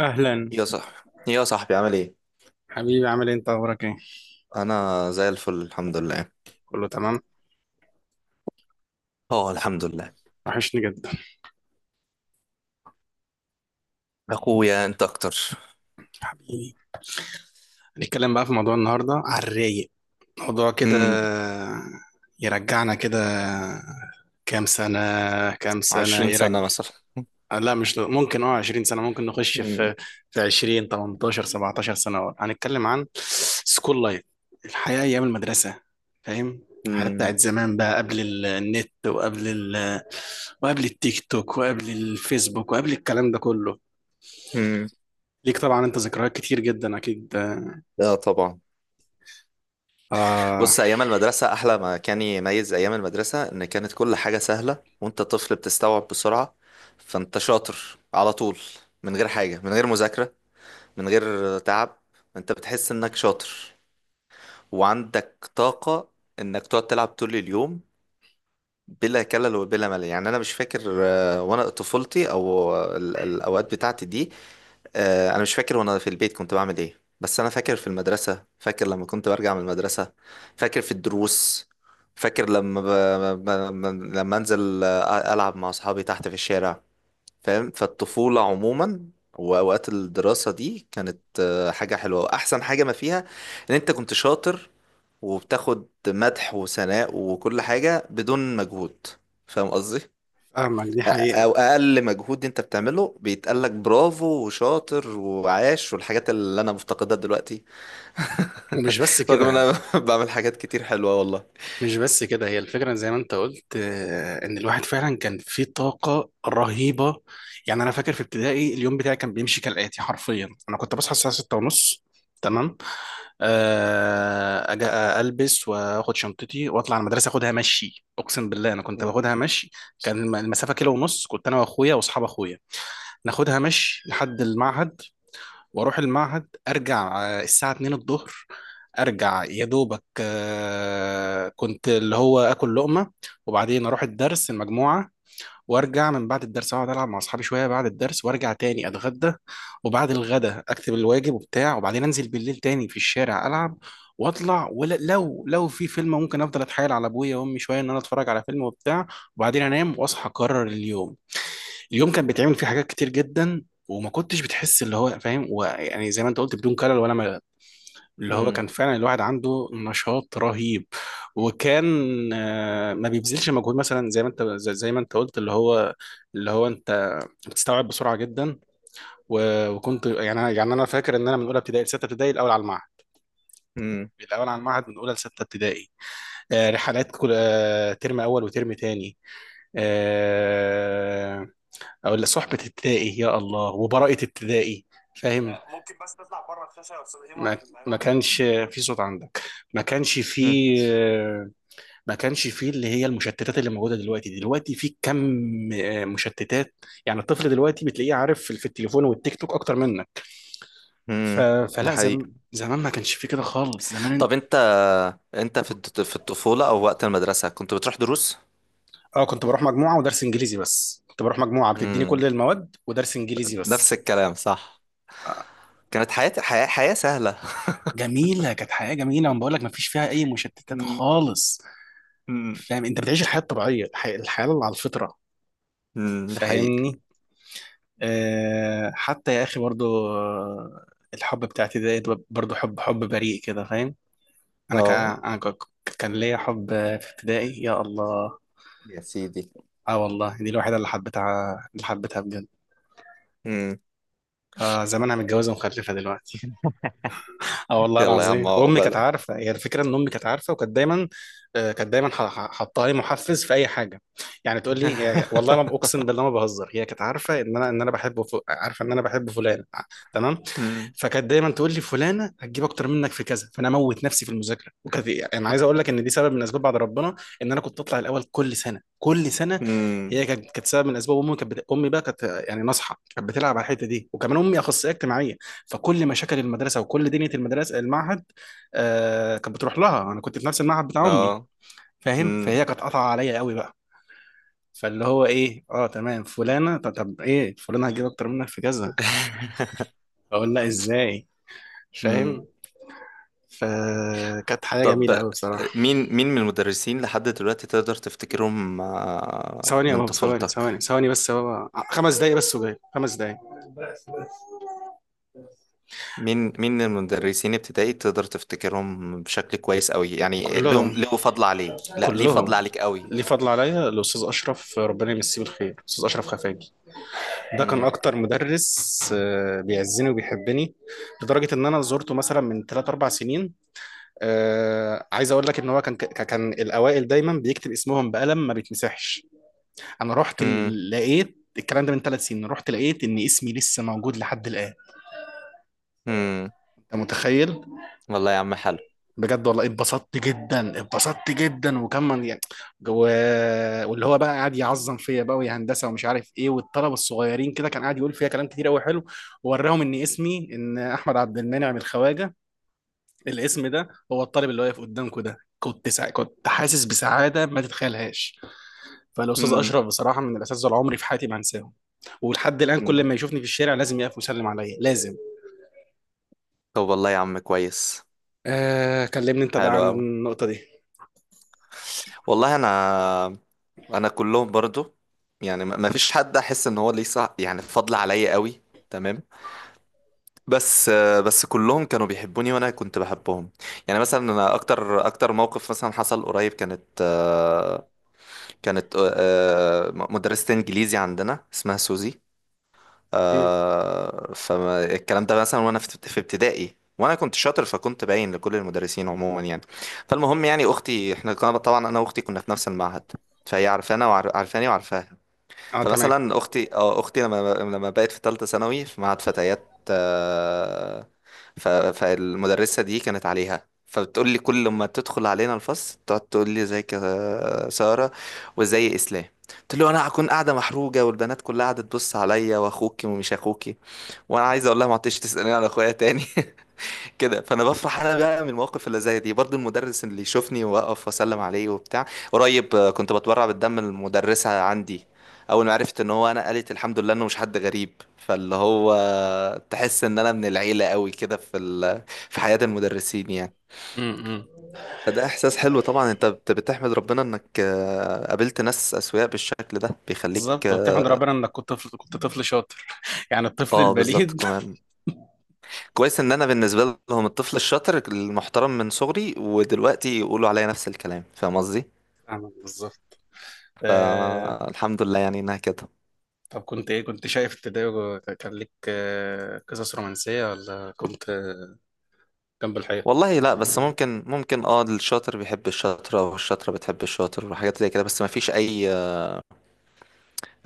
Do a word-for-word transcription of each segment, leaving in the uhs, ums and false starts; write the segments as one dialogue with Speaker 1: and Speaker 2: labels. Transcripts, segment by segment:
Speaker 1: اهلا،
Speaker 2: يا صاحبي، يا صاحبي، عامل ايه؟
Speaker 1: حبيبي. عامل ايه؟ انت اخبارك ايه؟
Speaker 2: انا زي الفل، الحمد لله.
Speaker 1: كله تمام.
Speaker 2: اه، الحمد لله.
Speaker 1: وحشني جدا،
Speaker 2: اخويا انت اكتر.
Speaker 1: حبيبي. هنتكلم بقى في موضوع النهارده على الرايق، موضوع كده
Speaker 2: امم
Speaker 1: يرجعنا كده. كام سنة؟ كام سنة
Speaker 2: عشرون سنة
Speaker 1: يرجع؟
Speaker 2: مثلا.
Speaker 1: لا، مش ل- ممكن، اه عشرين سنة، ممكن نخش
Speaker 2: امم
Speaker 1: في في عشرين، تمنتاشر، سبعة عشر سنة ورا. هنتكلم عن سكول لايف، الحياة أيام المدرسة، فاهم؟ الحياة
Speaker 2: امم
Speaker 1: بتاعت زمان بقى قبل ال- النت، وقبل ال... وقبل التيك توك، وقبل الفيسبوك، وقبل الكلام ده كله.
Speaker 2: امم
Speaker 1: ليك طبعا انت ذكريات كتير جدا اكيد.
Speaker 2: اه طبعا.
Speaker 1: اه.
Speaker 2: بص، ايام المدرسة احلى ما كان، يميز ايام المدرسة ان كانت كل حاجة سهلة وانت طفل بتستوعب بسرعة. فانت شاطر على طول، من غير حاجة، من غير مذاكرة، من غير تعب. انت بتحس انك شاطر وعندك طاقة انك تقعد تلعب طول اليوم بلا كلل وبلا ملل. يعني انا مش فاكر آه، وانا طفولتي، او ال- الاوقات بتاعتي دي. آه، انا مش فاكر وانا في البيت كنت بعمل ايه، بس انا فاكر في المدرسة، فاكر لما كنت برجع من المدرسة، فاكر في الدروس، فاكر لما ب... ب... ب- لما انزل آه، العب مع اصحابي تحت في الشارع. فاهم؟ فالطفولة عموما، واوقات الدراسة دي كانت آه، حاجة حلوة. واحسن حاجة ما فيها ان انت كنت شاطر، وبتاخد مدح وثناء وكل حاجة بدون مجهود. فاهم قصدي؟
Speaker 1: فاهمك، دي
Speaker 2: أ-
Speaker 1: حقيقة.
Speaker 2: أو أقل مجهود أنت بتعمله بيتقالك برافو وشاطر وعاش، والحاجات اللي أنا مفتقدها دلوقتي.
Speaker 1: ومش بس
Speaker 2: رغم إن
Speaker 1: كده،
Speaker 2: أنا بعمل حاجات كتير حلوة، والله.
Speaker 1: مش بس كده، هي الفكرة زي ما انت قلت، آه، ان الواحد فعلا كان فيه طاقة رهيبة. يعني انا فاكر في ابتدائي اليوم بتاعي كان بيمشي كالآتي حرفيا، انا كنت بصحى الساعة ستة ونص، تمام، آه، اجي البس واخد شنطتي واطلع على المدرسة، اخدها مشي، اقسم بالله انا كنت
Speaker 2: مم.
Speaker 1: باخدها مشي. كان الم- المسافة كيلو ونص، كنت انا واخويا واصحاب اخويا ناخدها مشي لحد المعهد، واروح المعهد ارجع آه، الساعه اتنين الظهر. ارجع يا دوبك، آه، كنت اللي هو اكل لقمه، وبعدين اروح الدرس المجموعه، وارجع من بعد الدرس اقعد العب مع اصحابي شويه بعد الدرس، وارجع تاني اتغدى، وبعد الغدا اكتب الواجب وبتاع، وبعدين انزل بالليل تاني في الشارع العب واطلع، ولو لو لو في فيلم ممكن افضل اتحايل على ابويا وامي شويه ان انا اتفرج على فيلم وبتاع، وبعدين انام واصحى اكرر اليوم. اليوم كان بيتعمل فيه حاجات كتير جدا وما كنتش بتحس، اللي هو فاهم، ويعني زي ما انت قلت بدون كلل ولا ملل، اللي هو كان
Speaker 2: مم.
Speaker 1: فعلا الواحد عنده نشاط رهيب. وكان آه، ما بيبذلش مجهود، مثلا زي ما انت زي زي ما انت قلت، اللي هو اللي هو انت بتستوعب بسرعه جدا. و- وكنت يعني أنا- يعني انا فاكر ان انا من اولى ابتدائي لسته ابتدائي الاول على المعهد،
Speaker 2: مم.
Speaker 1: الاول على المعهد من اولى لسته ابتدائي. آه، رحلات كل آه، ترم اول وترم تاني. آه، او اللي صحبة ابتدائي، يا الله، وبراءة ابتدائي، فاهم؟ ما ما كانش في صوت عندك، ما كانش في،
Speaker 2: مم.
Speaker 1: ما كانش في اللي هي المشتتات اللي موجودة دلوقتي. دلوقتي في كم آه، مشتتات، يعني الطفل دلوقتي بتلاقيه عارف في في التليفون والتيك توك اكتر منك. ف...
Speaker 2: مم. ده
Speaker 1: فلا
Speaker 2: حقيقي.
Speaker 1: زم... زمان ما كانش في كده خالص زمان.
Speaker 2: طب أنت أنت في الط- في الطفولة أو وقت المدرسة كنت بتروح دروس؟
Speaker 1: اه كنت بروح مجموعة ودرس انجليزي، بس كنت بروح مجموعة بتديني
Speaker 2: مم.
Speaker 1: كل المواد ودرس انجليزي
Speaker 2: نفس
Speaker 1: بس.
Speaker 2: الكلام، صح.
Speaker 1: آه،
Speaker 2: كانت حياة حياة, حياة سهلة.
Speaker 1: جميلة، كانت حياة جميلة، وانا بقول لك ما فيش فيها اي مشتتات
Speaker 2: مم.
Speaker 1: خالص.
Speaker 2: مم.
Speaker 1: فاهم؟ انت بتعيش الحياه الطبيعيه، الحياه, الحياة اللي على الفطره.
Speaker 2: مم. ده حقيقي.
Speaker 1: فاهمني؟ آه حتى يا اخي برضو، آه، الحب بتاعتي ده برضو حب، حب بريء كده، فاهم؟ انا كان
Speaker 2: اه،
Speaker 1: انا كا- كان ليا حب في ابتدائي، يا الله.
Speaker 2: يا سيدي.
Speaker 1: اه والله دي الوحيده اللي حبيتها، اللي حبيتها بجد.
Speaker 2: امم
Speaker 1: آه زمانها متجوزه ومخلفه دلوقتي. اه والله
Speaker 2: يلا يا عم،
Speaker 1: العظيم، وامي كانت
Speaker 2: عقبالك.
Speaker 1: عارفه. هي الفكره ان امي كانت عارفه وكانت دايما، آه، كانت دايما ح- ح- حاطه لي محفز في اي حاجه. يعني تقول لي هي، والله ما اقسم بالله ما بهزر، هي كانت عارفه ان انا ان انا بحب، ف... عارفه ان انا بحب فلان. ع- تمام.
Speaker 2: امم
Speaker 1: فكانت دايما تقول لي فلانه هتجيب اكتر منك في كذا، فانا اموت نفسي في المذاكره. وكانت، يعني انا عايز اقول لك ان دي سبب من اسباب، بعد ربنا، ان انا كنت اطلع الاول كل سنه، كل سنه.
Speaker 2: امم
Speaker 1: هي كانت، كانت سبب من اسباب. امي كانت بت... امي بقى كانت، يعني ناصحه، كانت بتلعب على الحته دي. وكمان امي اخصائيه اجتماعيه، فكل مشاكل المدرسه وكل دنيا المدرسه المعهد آه كانت بتروح لها. انا كنت في نفس المعهد بتاع امي،
Speaker 2: اه
Speaker 1: فاهم؟
Speaker 2: امم
Speaker 1: فهي كانت قاطعه عليا قوي بقى. فاللي هو ايه، اه تمام، فلانه طب, طب ايه، فلانه هتجيب اكتر منك في كذا، اقول لا، ازاي؟ فاهم؟
Speaker 2: امم
Speaker 1: فكانت حياه جميله
Speaker 2: طب،
Speaker 1: قوي بصراحه.
Speaker 2: مين مين من المدرسين لحد دلوقتي تقدر تفتكرهم آه،
Speaker 1: ثواني يا
Speaker 2: من
Speaker 1: بابا، ثواني
Speaker 2: طفولتك؟
Speaker 1: ثواني ثواني بس يا بابا، آه، خمس دقايق بس وجاي، خمس دقايق.
Speaker 2: مين مين من المدرسين ابتدائي تقدر تفتكرهم بشكل كويس قوي؟ يعني لهم
Speaker 1: كلهم،
Speaker 2: له فضل عليه لا ليه فضل
Speaker 1: كلهم
Speaker 2: عليك قوي.
Speaker 1: ليه فضل عليا. الاستاذ اشرف، ربنا يمسيه بالخير، الاستاذ اشرف خفاجي، ده كان
Speaker 2: امم
Speaker 1: اكتر مدرس آه، بيعزني وبيحبني، لدرجه ان انا زورته مثلا من ثلاث اربع سنين. آه، عايز اقول لك ان هو كان ك- كان الاوائل دايما بيكتب اسمهم بقلم ما بيتمسحش. انا رحت
Speaker 2: امم
Speaker 1: ل- لقيت الكلام ده من ثلاث سنين، رحت لقيت ان اسمي لسه موجود لحد الان.
Speaker 2: امم
Speaker 1: انت متخيل؟
Speaker 2: والله يا عم، حلو.
Speaker 1: بجد والله اتبسطت جدا، اتبسطت جدا. وكمان يعني، و... واللي هو بقى قاعد يعظم فيا بقى، ويا هندسه ومش عارف ايه، والطلبه الصغيرين كده، كان قاعد يقول فيها كلام كتير قوي حلو، ووراهم ان اسمي ان احمد عبد المنعم من الخواجه، الاسم ده هو الطالب اللي واقف قدامكم ده. كنت سع... كنت حاسس بسعاده ما تتخيلهاش. فالاستاذ
Speaker 2: امم
Speaker 1: اشرف بصراحه من الاساتذه اللي عمري في حياتي ما هنساهم. ولحد الان كل
Speaker 2: امم
Speaker 1: ما يشوفني في الشارع لازم يقف ويسلم عليا، لازم.
Speaker 2: طب والله يا عم، كويس.
Speaker 1: آه... كلمني انت بقى
Speaker 2: حلو
Speaker 1: عن
Speaker 2: قوي.
Speaker 1: النقطه دي.
Speaker 2: والله انا انا كلهم برضو. يعني ما ما فيش حد احس ان هو ليه صح، يعني فضل عليا قوي. تمام. بس بس كلهم كانوا بيحبوني وانا كنت بحبهم. يعني مثلا انا اكتر اكتر موقف مثلا حصل قريب كانت آه، كانت آه، آه، مدرسة انجليزي عندنا اسمها سوزي.
Speaker 1: مم.
Speaker 2: آه فالكلام ده مثلا، وانا في في ابتدائي، وانا كنت شاطر، فكنت باين لكل المدرسين عموما يعني. فالمهم، يعني اختي، احنا كنا طبعا انا واختي كنا في نفس المعهد، فهي عارفانا وعارفاني وعارفاها.
Speaker 1: اه تمام.
Speaker 2: فمثلا اختي اه اختي لما لما بقت في ثالثه ثانوي في معهد فتيات، آه، ف- فالمدرسه دي كانت عليها، فبتقول لي كل ما تدخل علينا الفصل تقعد تقول لي: ازيك يا ساره؟ وازاي اسلام؟ قلت له: انا هكون قاعده محروجه والبنات كلها قاعده تبص عليا، واخوكي ومش اخوكي، وانا عايز اقول لها ما عدتش تسالني على اخويا تاني. كده، فانا بفرح انا بقى من المواقف اللي زي دي برضو، المدرس اللي يشوفني واقف واسلم عليه وبتاع. قريب آه، كنت بتبرع بالدم المدرسة عندي، اول ما عرفت ان هو انا، قالت الحمد لله انه مش حد غريب. فاللي هو تحس ان انا من العيلة قوي كده، في ال... في حياة المدرسين يعني.
Speaker 1: مم. مم.
Speaker 2: فده احساس حلو طبعا، انت بت- بتحمد ربنا انك آه، قابلت ناس اسوياء بالشكل ده، بيخليك
Speaker 1: بالظبط،
Speaker 2: اه.
Speaker 1: وبتحمد ربنا انك كنت طفل، كنت طفل شاطر، يعني الطفل
Speaker 2: آه، بالظبط
Speaker 1: البليد.
Speaker 2: كمان. كويس ان انا بالنسبة لهم الطفل الشاطر المحترم من صغري، ودلوقتي يقولوا عليا نفس الكلام. فاهم قصدي؟
Speaker 1: فاهمك بالظبط. آه...
Speaker 2: فالحمد لله يعني انها كده.
Speaker 1: طب كنت ايه، كنت شايف ابتدائي، و- كان لك آه، قصص رومانسية، ولا كنت آه، جنب الحيط؟
Speaker 2: والله لا، بس ممكن ممكن اه الشاطر بيحب الشاطرة والشاطرة بتحب الشاطر وحاجات زي كده، بس ما فيش اي،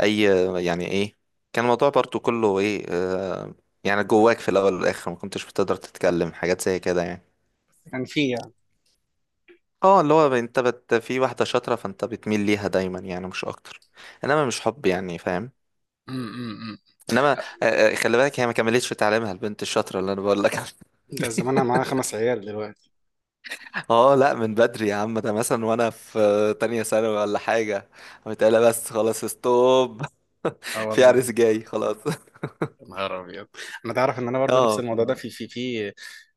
Speaker 2: اي يعني ايه، كان الموضوع برضو كله ايه آه يعني جواك، في الاول والاخر ما كنتش بتقدر تتكلم حاجات زي كده يعني.
Speaker 1: كان في يعني،
Speaker 2: اه، اللي هو انت بت في واحدة شاطرة، فانت بتميل ليها دايما يعني، مش اكتر. انما مش حب يعني، فاهم.
Speaker 1: امم،
Speaker 2: انما آه آه، خلي بالك هي ما كملتش تعليمها، البنت الشاطرة اللي انا بقول لك عليها.
Speaker 1: ده زمانها معاها خمس عيال دلوقتي.
Speaker 2: اه لا، من بدري يا عم، ده مثلا وانا في تانية ثانوي ولا حاجة. قمت قايلة: بس خلاص، ستوب.
Speaker 1: اه
Speaker 2: في
Speaker 1: والله.
Speaker 2: عريس جاي خلاص.
Speaker 1: يا نهار ابيض. انا تعرف ان انا برضو نفس
Speaker 2: اه، ف...
Speaker 1: الموضوع ده في في في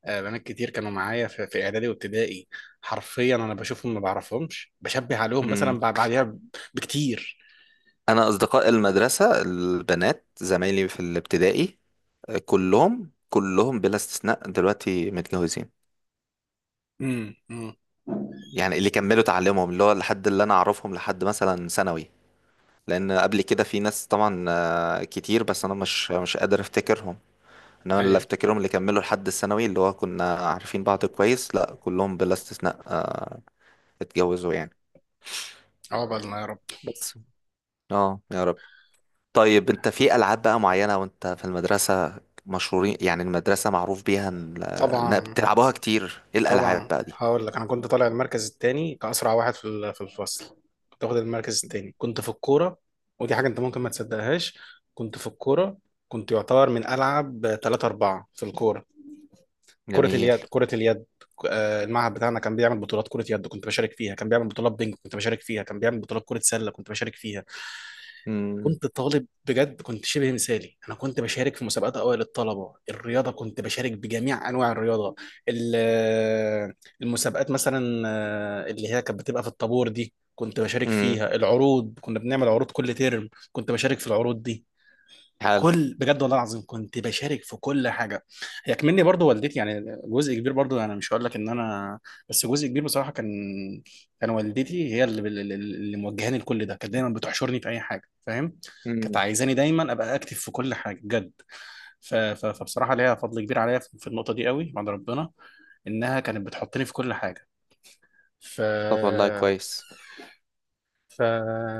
Speaker 1: آه، بنات كتير كانوا معايا في, في اعدادي وابتدائي، حرفيا انا بشوفهم ما بعرفهمش، بشبه عليهم
Speaker 2: مم.
Speaker 1: مثلا بع- بعديها بكتير.
Speaker 2: انا اصدقاء المدرسة، البنات زمايلي في الابتدائي، آه، كلهم كلهم بلا استثناء دلوقتي متجوزين.
Speaker 1: امم، امم.
Speaker 2: يعني اللي كملوا تعليمهم، اللي هو لحد اللي انا اعرفهم لحد مثلا ثانوي، لان قبل كده في ناس طبعا آه، كتير، بس انا مش مش قادر افتكر. انما اللي افتكرهم اللي كملوا لحد الثانوي اللي هو كنا عارفين بعض كويس، لا، كلهم بلا استثناء آه، اتجوزوا يعني.
Speaker 1: عقبالنا يا رب.
Speaker 2: بس اه، يا رب. طيب، انت في العاب بقى معينة وانت في المدرسة مشهورين، يعني المدرسة معروف بيها ان إنها
Speaker 1: طبعا،
Speaker 2: بتلعبوها كتير، ايه الالعاب
Speaker 1: طبعا.
Speaker 2: بقى دي؟
Speaker 1: هقول لك انا كنت طالع المركز الثاني كاسرع واحد في ال- في الفصل، كنت واخد المركز الثاني. كنت في الكوره، ودي حاجه انت ممكن ما تصدقهاش، كنت في الكوره، كنت يعتبر من العب ثلاثة اربعة في الكوره. كره
Speaker 2: جميل.
Speaker 1: اليد، كره اليد، آه، المعهد بتاعنا كان بيعمل بطولات كره يد كنت بشارك فيها، كان بيعمل بطولات بينج كنت بشارك فيها، كان بيعمل بطولات كره سله كنت بشارك فيها. انا
Speaker 2: امم
Speaker 1: كنت طالب بجد، كنت شبه مثالي. انا كنت بشارك في مسابقات اوائل الطلبه الرياضه، كنت بشارك بجميع انواع الرياضه. ال- المسابقات مثلا آه، اللي هي كانت بتبقى في الطابور دي كنت بشارك
Speaker 2: امم
Speaker 1: فيها. العروض، كنا بنعمل عروض كل ترم كنت بشارك في العروض دي.
Speaker 2: حلو.
Speaker 1: كل، بجد والله العظيم كنت بشارك في كل حاجه. هي كمني برضو والدتي، يعني جزء كبير، برضو انا مش هقول لك ان انا، بس جزء كبير بصراحه كان، كان والدتي هي اللي اللي اللي موجهاني لكل ده. كانت دايما بتحشرني في اي حاجه، فاهم؟ كانت
Speaker 2: امم
Speaker 1: عايزاني دايما ابقى اكتف في كل حاجه بجد. ف... ف... فبصراحه ليها فضل كبير عليا في في النقطه دي قوي، بعد ربنا، انها كانت بتحطني في كل حاجه. ف.
Speaker 2: طب والله كويس.
Speaker 1: ف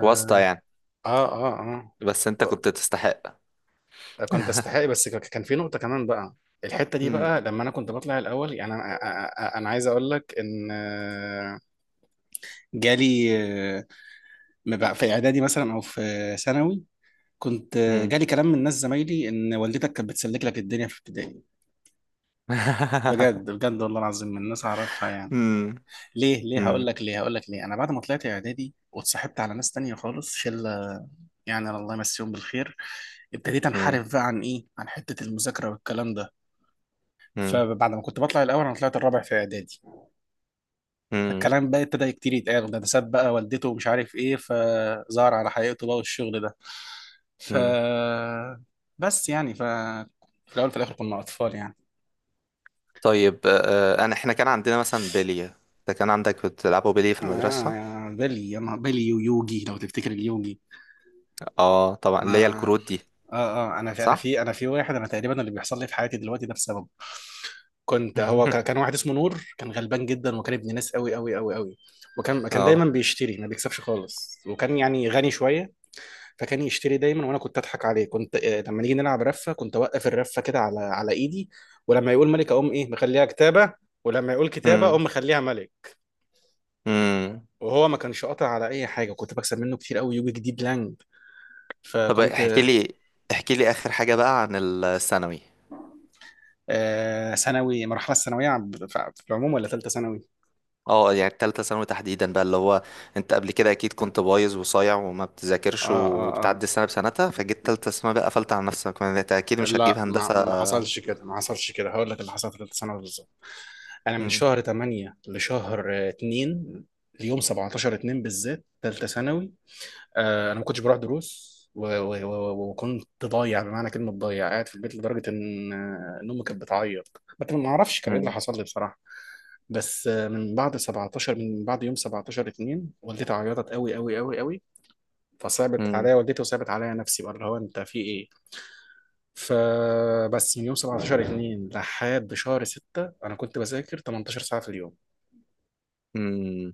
Speaker 2: واسطة يعني.
Speaker 1: اه. اه
Speaker 2: بس انت
Speaker 1: اه.
Speaker 2: كنت تستحق.
Speaker 1: كنت استحقي، بس ك- كان في نقطة كمان بقى، الحتة دي
Speaker 2: امم
Speaker 1: بقى لما أنا كنت بطلع الأول. يعني أنا أ- أ- أنا عايز أقول لك إن، آه، جالي مبع- في إعدادي مثلا أو في ثانوي، كنت آه،
Speaker 2: امم
Speaker 1: جالي كلام من ناس زمايلي إن والدتك كانت بتسلك لك الدنيا في ابتدائي. بجد بجد والله العظيم، من ناس أعرفها يعني.
Speaker 2: امم
Speaker 1: ليه، ليه هقول
Speaker 2: امم
Speaker 1: لك ليه هقول لك ليه، أنا بعد ما طلعت إعدادي واتصاحبت على ناس تانية خالص، شلة يعني الله يمسيهم بالخير، ابتديت
Speaker 2: امم
Speaker 1: أنحرف بقى عن إيه، عن حتة المذاكرة والكلام ده.
Speaker 2: امم
Speaker 1: فبعد ما كنت بطلع الاول، انا طلعت الرابع في اعدادي. فالكلام بقى ابتدى كتير يتقال، ده ده ساب بقى والدته ومش عارف ايه، فظهر على حقيقته بقى والشغل ده. ف،
Speaker 2: امم
Speaker 1: بس يعني ف، في الاول في الاخر كنا اطفال يعني.
Speaker 2: طيب آه، انا، احنا كان عندنا مثلا بلية. انت كان عندك بتلعبوا بلية في
Speaker 1: آه
Speaker 2: المدرسة؟
Speaker 1: يا بيلي، يا نهار- بيلي ويوجي، لو تفتكر اليوجي.
Speaker 2: اه طبعا، اللي هي
Speaker 1: انا
Speaker 2: الكروت دي.
Speaker 1: اه. اه انا في انا
Speaker 2: صح.
Speaker 1: في انا في واحد، انا تقريبا اللي بيحصل لي في حياتي دلوقتي ده بسببه. كنت، هو كان كان واحد اسمه نور، كان غلبان جدا، وكان ابن ناس قوي قوي قوي قوي. وكان كان دايما
Speaker 2: اه.
Speaker 1: بيشتري، ما بيكسبش خالص، وكان يعني غني شويه، فكان يشتري دايما. وانا كنت اضحك عليه، كنت آه، لما نيجي نلعب رفه، كنت اوقف الرفه كده على على ايدي، ولما يقول ملك اقوم ايه مخليها كتابه، ولما يقول كتابه
Speaker 2: امم
Speaker 1: اقوم مخليها ملك.
Speaker 2: امم
Speaker 1: وهو ما كانش قاطع على اي حاجه، كنت بكسب منه كتير قوي، يوجي جديد لانج.
Speaker 2: طب،
Speaker 1: فكنت.
Speaker 2: احكي لي احكي لي اخر حاجة بقى عن الثانوي.
Speaker 1: آه، ثانوي، مرحله الثانويه عم- ف- في العموم، ولا ثالثه ثانوي؟
Speaker 2: اه يعني التالتة ثانوي تحديدا بقى، اللي هو انت قبل كده اكيد كنت بايظ وصايع وما بتذاكرش
Speaker 1: اه اه اه،
Speaker 2: وبتعدي السنة بسنتها، فجيت تالتة ثانوي بقى قفلت على نفسك، ما انت اكيد مش هتجيب
Speaker 1: لا، ما
Speaker 2: هندسة.
Speaker 1: ما حصلش كده، ما حصلش كده، هقول لك اللي حصل في ثالثه ثانوي بالظبط. انا من
Speaker 2: امم
Speaker 1: شهر تمانية لشهر آه، اتنين، ليوم سبعتاشر اتنين بالذات ثالثه ثانوي. آه، انا ما كنتش بروح دروس، و- و- و- وكنت ضايع، يعني بمعنى كلمه ضايع، قاعد في البيت، لدرجه ان آه، ان امي كانت بتعيط، بس ما اعرفش كان ايه اللي
Speaker 2: امم
Speaker 1: حصل لي بصراحه. بس، آه، من بعد 17 من بعد يوم سبعة عشر اتنين والدتي عيطت قوي قوي قوي قوي. فصعبت
Speaker 2: امم
Speaker 1: عليا والدتي وصعبت عليا نفسي بقى، اللي هو انت في ايه. فبس من يوم سبعة عشر اتنين لحد شهر ستة انا كنت بذاكر تمنتاشر ساعه في اليوم،
Speaker 2: امم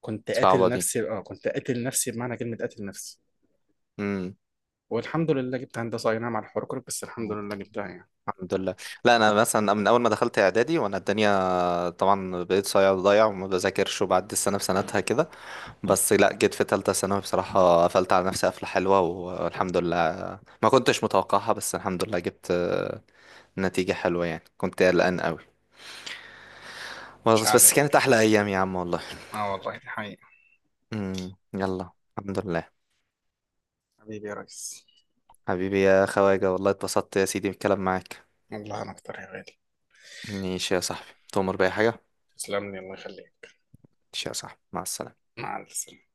Speaker 1: كنت قاتل
Speaker 2: صعبة دي.
Speaker 1: نفسي، اه كنت قاتل نفسي بمعنى كلمه قاتل نفسي.
Speaker 2: امم
Speaker 1: والحمد لله جبت هندسه، اي نعم على الحركرك، بس الحمد لله جبتها يعني.
Speaker 2: الحمد لله. لا، انا مثلا من اول ما دخلت اعدادي وانا الدنيا طبعا بقيت صايع وضايع وما بذاكرش وبعدي السنه بسنتها كده، بس لا، جيت في ثالثه ثانوي بصراحه قفلت على نفسي قفله حلوه، والحمد لله ما كنتش متوقعها، بس الحمد لله جبت آه، نتيجه حلوه يعني، كنت قلقان قوي.
Speaker 1: مش
Speaker 2: بس بس
Speaker 1: علي.
Speaker 2: كانت احلى ايام يا عم والله.
Speaker 1: اه والله دي حقيقة.
Speaker 2: امم يلا، الحمد لله.
Speaker 1: حبيبي يا ريس.
Speaker 2: حبيبي يا خواجه، والله اتبسطت يا سيدي بالكلام معاك.
Speaker 1: والله انا اكتر يا غالي.
Speaker 2: ماشي يا صاحبي، تؤمر بأي حاجه.
Speaker 1: تسلم لي، الله يخليك.
Speaker 2: ماشي يا صاحبي، مع السلامه.
Speaker 1: مع السلامة.